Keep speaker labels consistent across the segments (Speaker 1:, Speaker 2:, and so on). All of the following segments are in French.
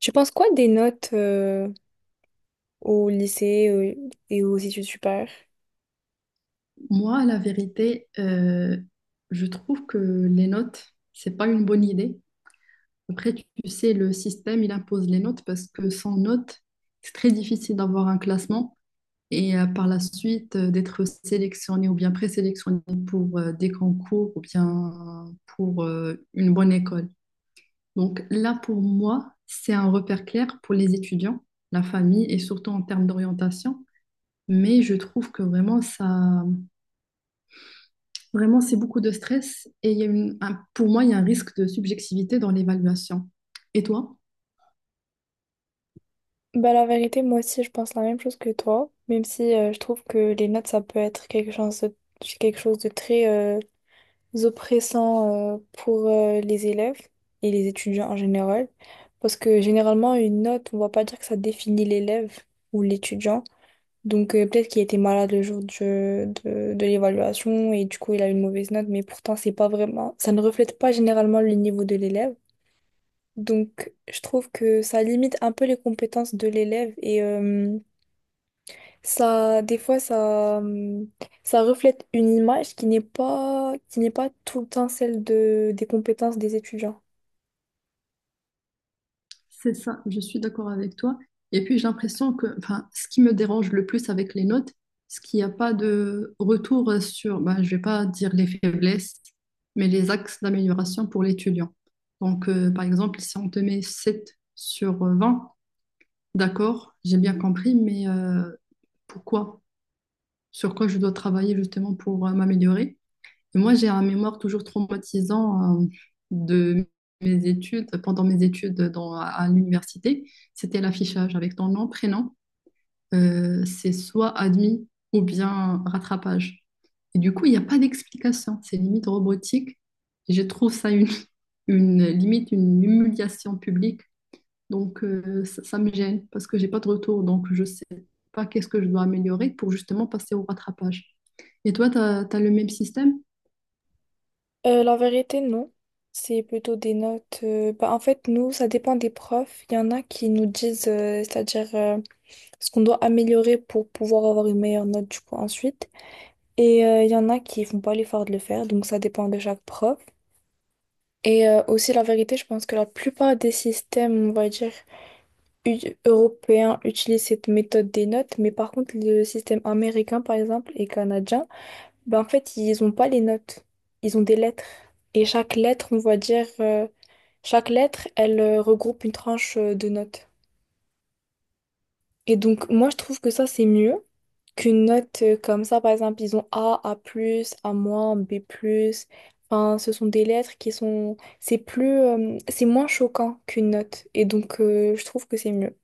Speaker 1: Tu penses quoi des notes au lycée et aux études supérieures?
Speaker 2: Moi, la vérité, je trouve que les notes, c'est pas une bonne idée. Après, tu sais, le système, il impose les notes parce que sans notes, c'est très difficile d'avoir un classement et par la suite d'être sélectionné ou bien présélectionné pour des concours ou bien pour une bonne école. Donc là, pour moi, c'est un repère clair pour les étudiants, la famille et surtout en termes d'orientation. Mais je trouve que vraiment ça. Vraiment, c'est beaucoup de stress et il y a pour moi, il y a un risque de subjectivité dans l'évaluation. Et toi?
Speaker 1: Bah la vérité, moi aussi, je pense la même chose que toi, même si je trouve que les notes, ça peut être quelque chose de très oppressant pour les élèves et les étudiants en général, parce que généralement, une note, on va pas dire que ça définit l'élève ou l'étudiant, donc peut-être qu'il était malade le jour de l'évaluation et du coup, il a une mauvaise note, mais pourtant, c'est pas vraiment, ça ne reflète pas généralement le niveau de l'élève. Donc, je trouve que ça limite un peu les compétences de l'élève et ça, des fois, ça reflète une image qui n'est pas tout le temps celle de, des compétences des étudiants.
Speaker 2: C'est ça, je suis d'accord avec toi. Et puis, j'ai l'impression que enfin, ce qui me dérange le plus avec les notes, c'est qu'il n'y a pas de retour sur, ben, je vais pas dire les faiblesses, mais les axes d'amélioration pour l'étudiant. Donc, par exemple, si on te met 7 sur 20. D'accord, j'ai bien compris, mais pourquoi? Sur quoi je dois travailler justement pour m'améliorer? Moi, j'ai un mémoire toujours traumatisant de mes études, pendant mes études à l'université. C'était l'affichage avec ton nom, prénom. C'est soit admis ou bien rattrapage. Et du coup, il n'y a pas d'explication. C'est limite robotique. Et je trouve ça limite une humiliation publique. Donc, ça, ça me gêne parce que j'ai pas de retour. Donc, je sais pas qu'est-ce que je dois améliorer pour justement passer au rattrapage. Et toi, tu as le même système?
Speaker 1: La vérité, non. C'est plutôt des notes. Bah, en fait, nous, ça dépend des profs. Il y en a qui nous disent, c'est-à-dire ce qu'on doit améliorer pour pouvoir avoir une meilleure note du coup ensuite. Et il y en a qui font pas l'effort de le faire, donc ça dépend de chaque prof. Et aussi, la vérité, je pense que la plupart des systèmes, on va dire, u- européens utilisent cette méthode des notes, mais par contre, le système américain, par exemple, et canadien, ben, en fait, ils ont pas les notes, ils ont des lettres. Et chaque lettre, on va dire, chaque lettre, elle regroupe une tranche de notes. Et donc, moi, je trouve que ça, c'est mieux qu'une note comme ça. Par exemple, ils ont A, A+, A-, B+. Enfin, ce sont des lettres qui sont, c'est plus, c'est moins choquant qu'une note. Et donc, je trouve que c'est mieux.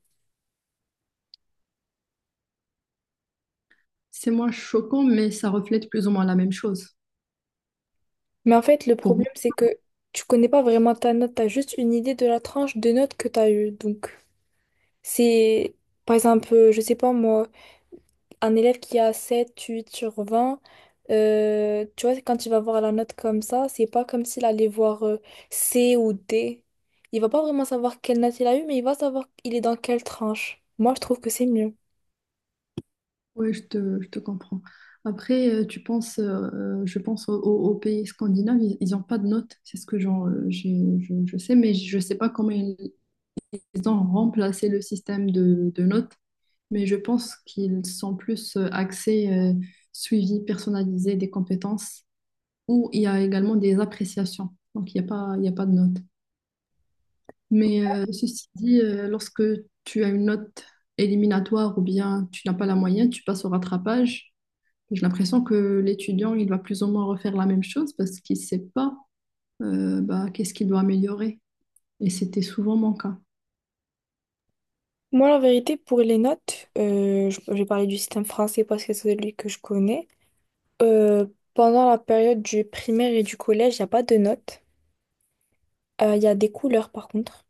Speaker 2: C'est moins choquant, mais ça reflète plus ou moins la même chose
Speaker 1: Mais en fait, le
Speaker 2: pour moi.
Speaker 1: problème, c'est que tu connais pas vraiment ta note. T'as juste une idée de la tranche de notes que t'as eue. Donc, c'est. Par exemple, je sais pas moi, un élève qui a 7, 8 sur 20, tu vois, quand il va voir la note comme ça, c'est pas comme s'il allait voir C ou D. Il va pas vraiment savoir quelle note il a eu, mais il va savoir il est dans quelle tranche. Moi, je trouve que c'est mieux.
Speaker 2: Oui, je te comprends. Après, je pense aux pays scandinaves, ils n'ont pas de notes. C'est ce que je sais, mais je ne sais pas comment ils, ils ont remplacé le système de notes. Mais je pense qu'ils sont plus axés suivi personnalisé des compétences où il y a également des appréciations. Donc, il y a pas de notes. Mais ceci dit, lorsque tu as une note éliminatoire ou bien tu n'as pas la moyenne, tu passes au rattrapage. J'ai l'impression que l'étudiant, il va plus ou moins refaire la même chose parce qu'il ne sait pas bah, qu'est-ce qu'il doit améliorer. Et c'était souvent mon cas.
Speaker 1: Moi, la vérité, pour les notes, je vais parler du système français parce que c'est celui que je connais. Euh, pendant la période du primaire et du collège, il n'y a pas de notes. Il y a des couleurs, par contre.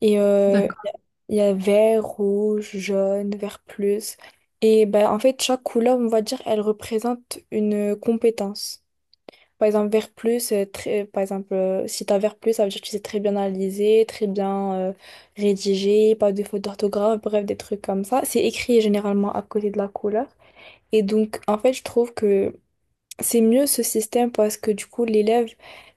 Speaker 1: Et
Speaker 2: D'accord.
Speaker 1: il y a vert, rouge, jaune, vert plus. Et bah, en fait, chaque couleur, on va dire, elle représente une compétence. Par exemple, vert plus, très, par exemple, si tu as vert plus, ça veut dire que tu sais très bien analyser, très bien rédiger, pas de faute d'orthographe, bref, des trucs comme ça. C'est écrit généralement à côté de la couleur. Et donc, en fait, je trouve que c'est mieux ce système parce que du coup, l'élève,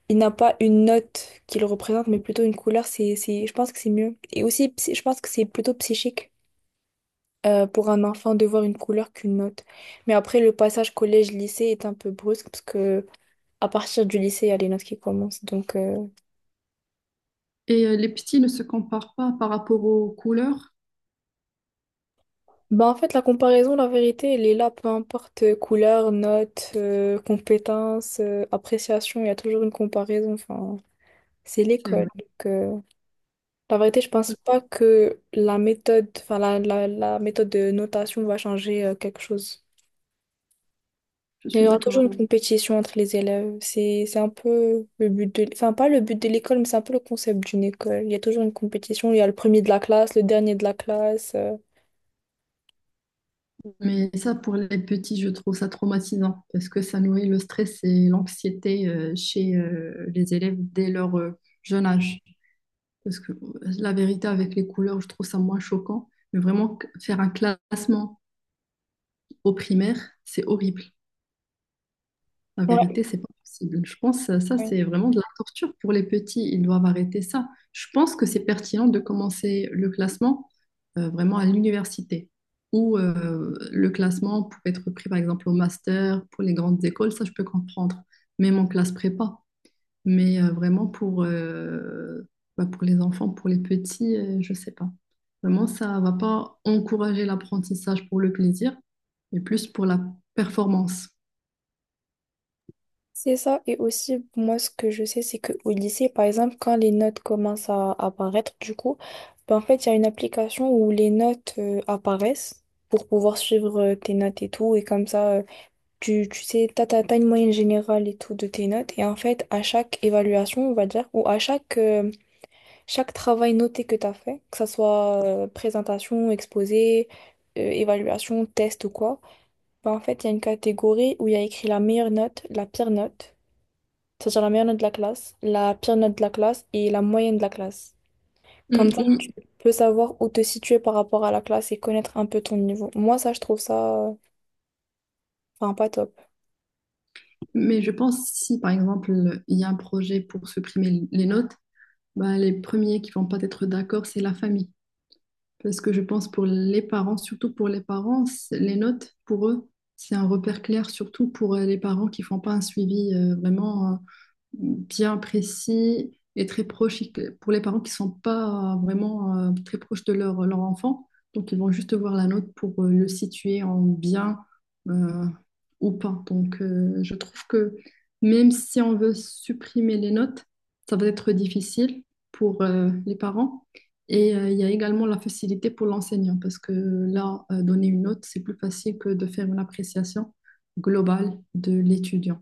Speaker 1: il n'a pas une note qui le représente, mais plutôt une couleur. Je pense que c'est mieux. Et aussi, je pense que c'est plutôt psychique pour un enfant de voir une couleur qu'une note. Mais après, le passage collège-lycée est un peu brusque parce que à partir du lycée, il y a les notes qui commencent. Donc,
Speaker 2: Et les petits ne se comparent pas par rapport aux couleurs.
Speaker 1: bah en fait, la comparaison, la vérité, elle est là, peu importe couleur, note, compétence, appréciation, il y a toujours une comparaison. Enfin, c'est
Speaker 2: C'est-
Speaker 1: l'école. Donc, la vérité, je pense pas que la méthode, enfin la méthode de notation va changer quelque chose.
Speaker 2: Je
Speaker 1: Il
Speaker 2: suis
Speaker 1: y aura
Speaker 2: d'accord
Speaker 1: toujours
Speaker 2: toi.
Speaker 1: une compétition entre les élèves. C'est un peu le but de, enfin pas le but de l'école, mais c'est un peu le concept d'une école. Il y a toujours une compétition. Il y a le premier de la classe, le dernier de la classe.
Speaker 2: Mais ça, pour les petits, je trouve ça traumatisant parce que ça nourrit le stress et l'anxiété chez les élèves dès leur jeune âge. Parce que la vérité avec les couleurs, je trouve ça moins choquant. Mais vraiment, faire un classement au primaire, c'est horrible. La vérité, c'est pas possible. Je pense que ça,
Speaker 1: Ouais.
Speaker 2: c'est vraiment de la torture pour les petits. Ils doivent arrêter ça. Je pense que c'est pertinent de commencer le classement vraiment à l'université, où le classement peut être pris, par exemple, au master, pour les grandes écoles, ça, je peux comprendre. Même en classe prépa. Mais vraiment pour, bah, pour les enfants, pour les petits, je sais pas. Vraiment, ça va pas encourager l'apprentissage pour le plaisir, mais plus pour la performance.
Speaker 1: C'est ça, et aussi, moi, ce que je sais, c'est qu'au lycée, par exemple, quand les notes commencent à apparaître, du coup, ben, en fait, il y a une application où les notes apparaissent pour pouvoir suivre tes notes et tout, et comme ça, tu sais, t'as une moyenne générale et tout de tes notes, et en fait, à chaque évaluation, on va dire, ou à chaque travail noté que t'as fait, que ça soit présentation, exposé, évaluation, test ou quoi, ben, en fait, il y a une catégorie où il y a écrit la meilleure note, la pire note. C'est-à-dire la meilleure note de la classe, la pire note de la classe et la moyenne de la classe.
Speaker 2: Mm,
Speaker 1: Comme ça, tu
Speaker 2: oui,
Speaker 1: peux savoir où te situer par rapport à la classe et connaître un peu ton niveau. Moi, ça, je trouve ça, enfin, pas top.
Speaker 2: mais je pense si, par exemple, il y a un projet pour supprimer les notes, bah, les premiers qui vont pas être d'accord, c'est la famille. Parce que je pense pour les parents, surtout pour les parents, les notes, pour eux, c'est un repère clair, surtout pour les parents qui font pas un suivi vraiment bien précis et très proche, pour les parents qui ne sont pas vraiment très proches de leur enfant. Donc, ils vont juste voir la note pour le situer en bien euh, ou pas. Donc, je trouve que même si on veut supprimer les notes, ça va être difficile pour les parents. Et il y a également la facilité pour l'enseignant parce que là, donner une note, c'est plus facile que de faire une appréciation globale de l'étudiant.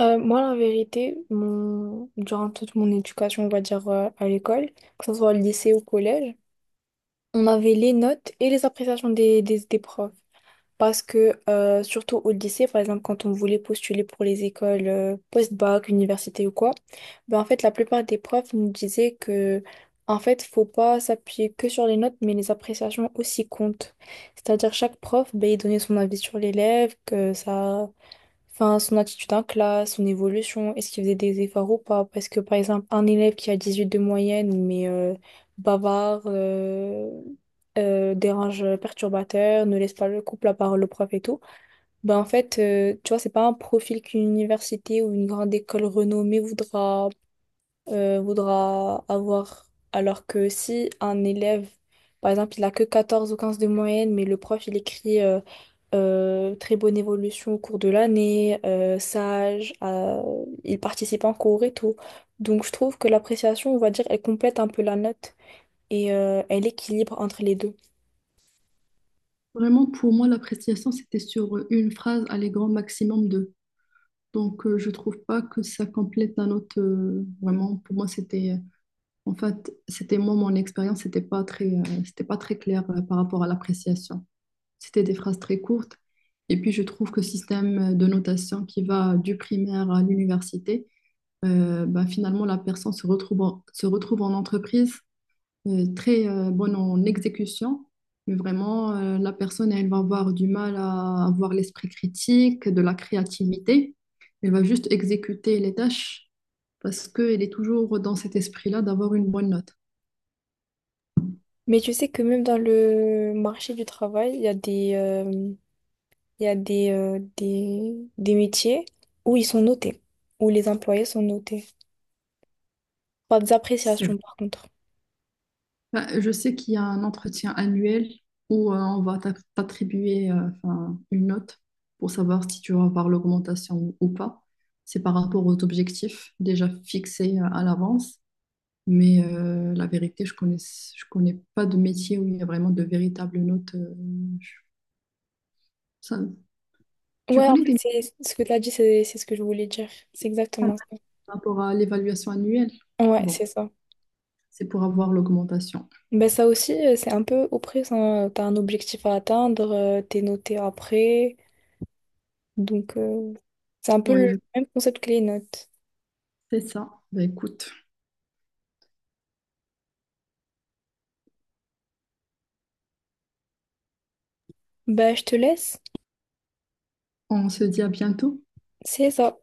Speaker 1: Moi, la vérité, durant toute mon éducation, on va dire, à l'école, que ce soit au lycée ou au collège, on avait les notes et les appréciations des profs. Parce que, surtout au lycée, par exemple, quand on voulait postuler pour les écoles post-bac, université ou quoi, ben en fait, la plupart des profs nous disaient que, en fait, faut pas s'appuyer que sur les notes, mais les appréciations aussi comptent. C'est-à-dire, chaque prof, ben, il donnait son avis sur l'élève, que ça. Enfin, son attitude en classe, son évolution, est-ce qu'il faisait des efforts ou pas? Parce que par exemple, un élève qui a 18 de moyenne, mais bavard, dérange, perturbateur, ne laisse pas le couple la parole au prof et tout, ben en fait, tu vois, c'est pas un profil qu'une université ou une grande école renommée voudra avoir. Alors que si un élève, par exemple, il a que 14 ou 15 de moyenne, mais le prof, il écrit très bonne évolution au cours de l'année, sage, il participe en cours et tout. Donc je trouve que l'appréciation, on va dire, elle complète un peu la note et elle équilibre entre les deux.
Speaker 2: Vraiment, pour moi, l'appréciation, c'était sur une phrase, allez, grand maximum deux. Donc, je trouve pas que ça complète un autre. Vraiment, pour moi, c'était. En fait, c'était moi, mon expérience, c'était pas très clair par rapport à l'appréciation. C'était des phrases très courtes. Et puis, je trouve que système de notation qui va du primaire à l'université, bah, finalement, la personne se retrouve en entreprise très bonne en exécution, mais vraiment, la personne, elle va avoir du mal à avoir l'esprit critique, de la créativité. Elle va juste exécuter les tâches parce qu'elle est toujours dans cet esprit-là d'avoir une bonne note.
Speaker 1: Mais tu sais que même dans le marché du travail, il y a des métiers où ils sont notés, où les employés sont notés, par des
Speaker 2: C'est.
Speaker 1: appréciations, par contre.
Speaker 2: Bah, je sais qu'il y a un entretien annuel où on va t'attribuer enfin, une note pour savoir si tu vas avoir l'augmentation ou pas. C'est par rapport aux objectifs déjà fixés à l'avance. Mais la vérité, je connais pas de métier où il y a vraiment de véritables notes. Je- ça- Tu
Speaker 1: Ouais, en
Speaker 2: connais des métiers
Speaker 1: fait, c'est ce que tu as dit, c'est ce que je voulais dire. C'est exactement ça.
Speaker 2: par rapport à l'évaluation annuelle?
Speaker 1: Ouais, c'est
Speaker 2: Bon,
Speaker 1: ça.
Speaker 2: c'est pour avoir l'augmentation.
Speaker 1: Ben ça aussi, c'est un peu oppressant. Tu t'as un objectif à atteindre, t'es noté après. Donc, c'est un peu le
Speaker 2: Oui,
Speaker 1: même concept que les notes.
Speaker 2: c'est ça. Bah, écoute,
Speaker 1: Ben, je te laisse.
Speaker 2: on se dit à bientôt.
Speaker 1: C'est ça.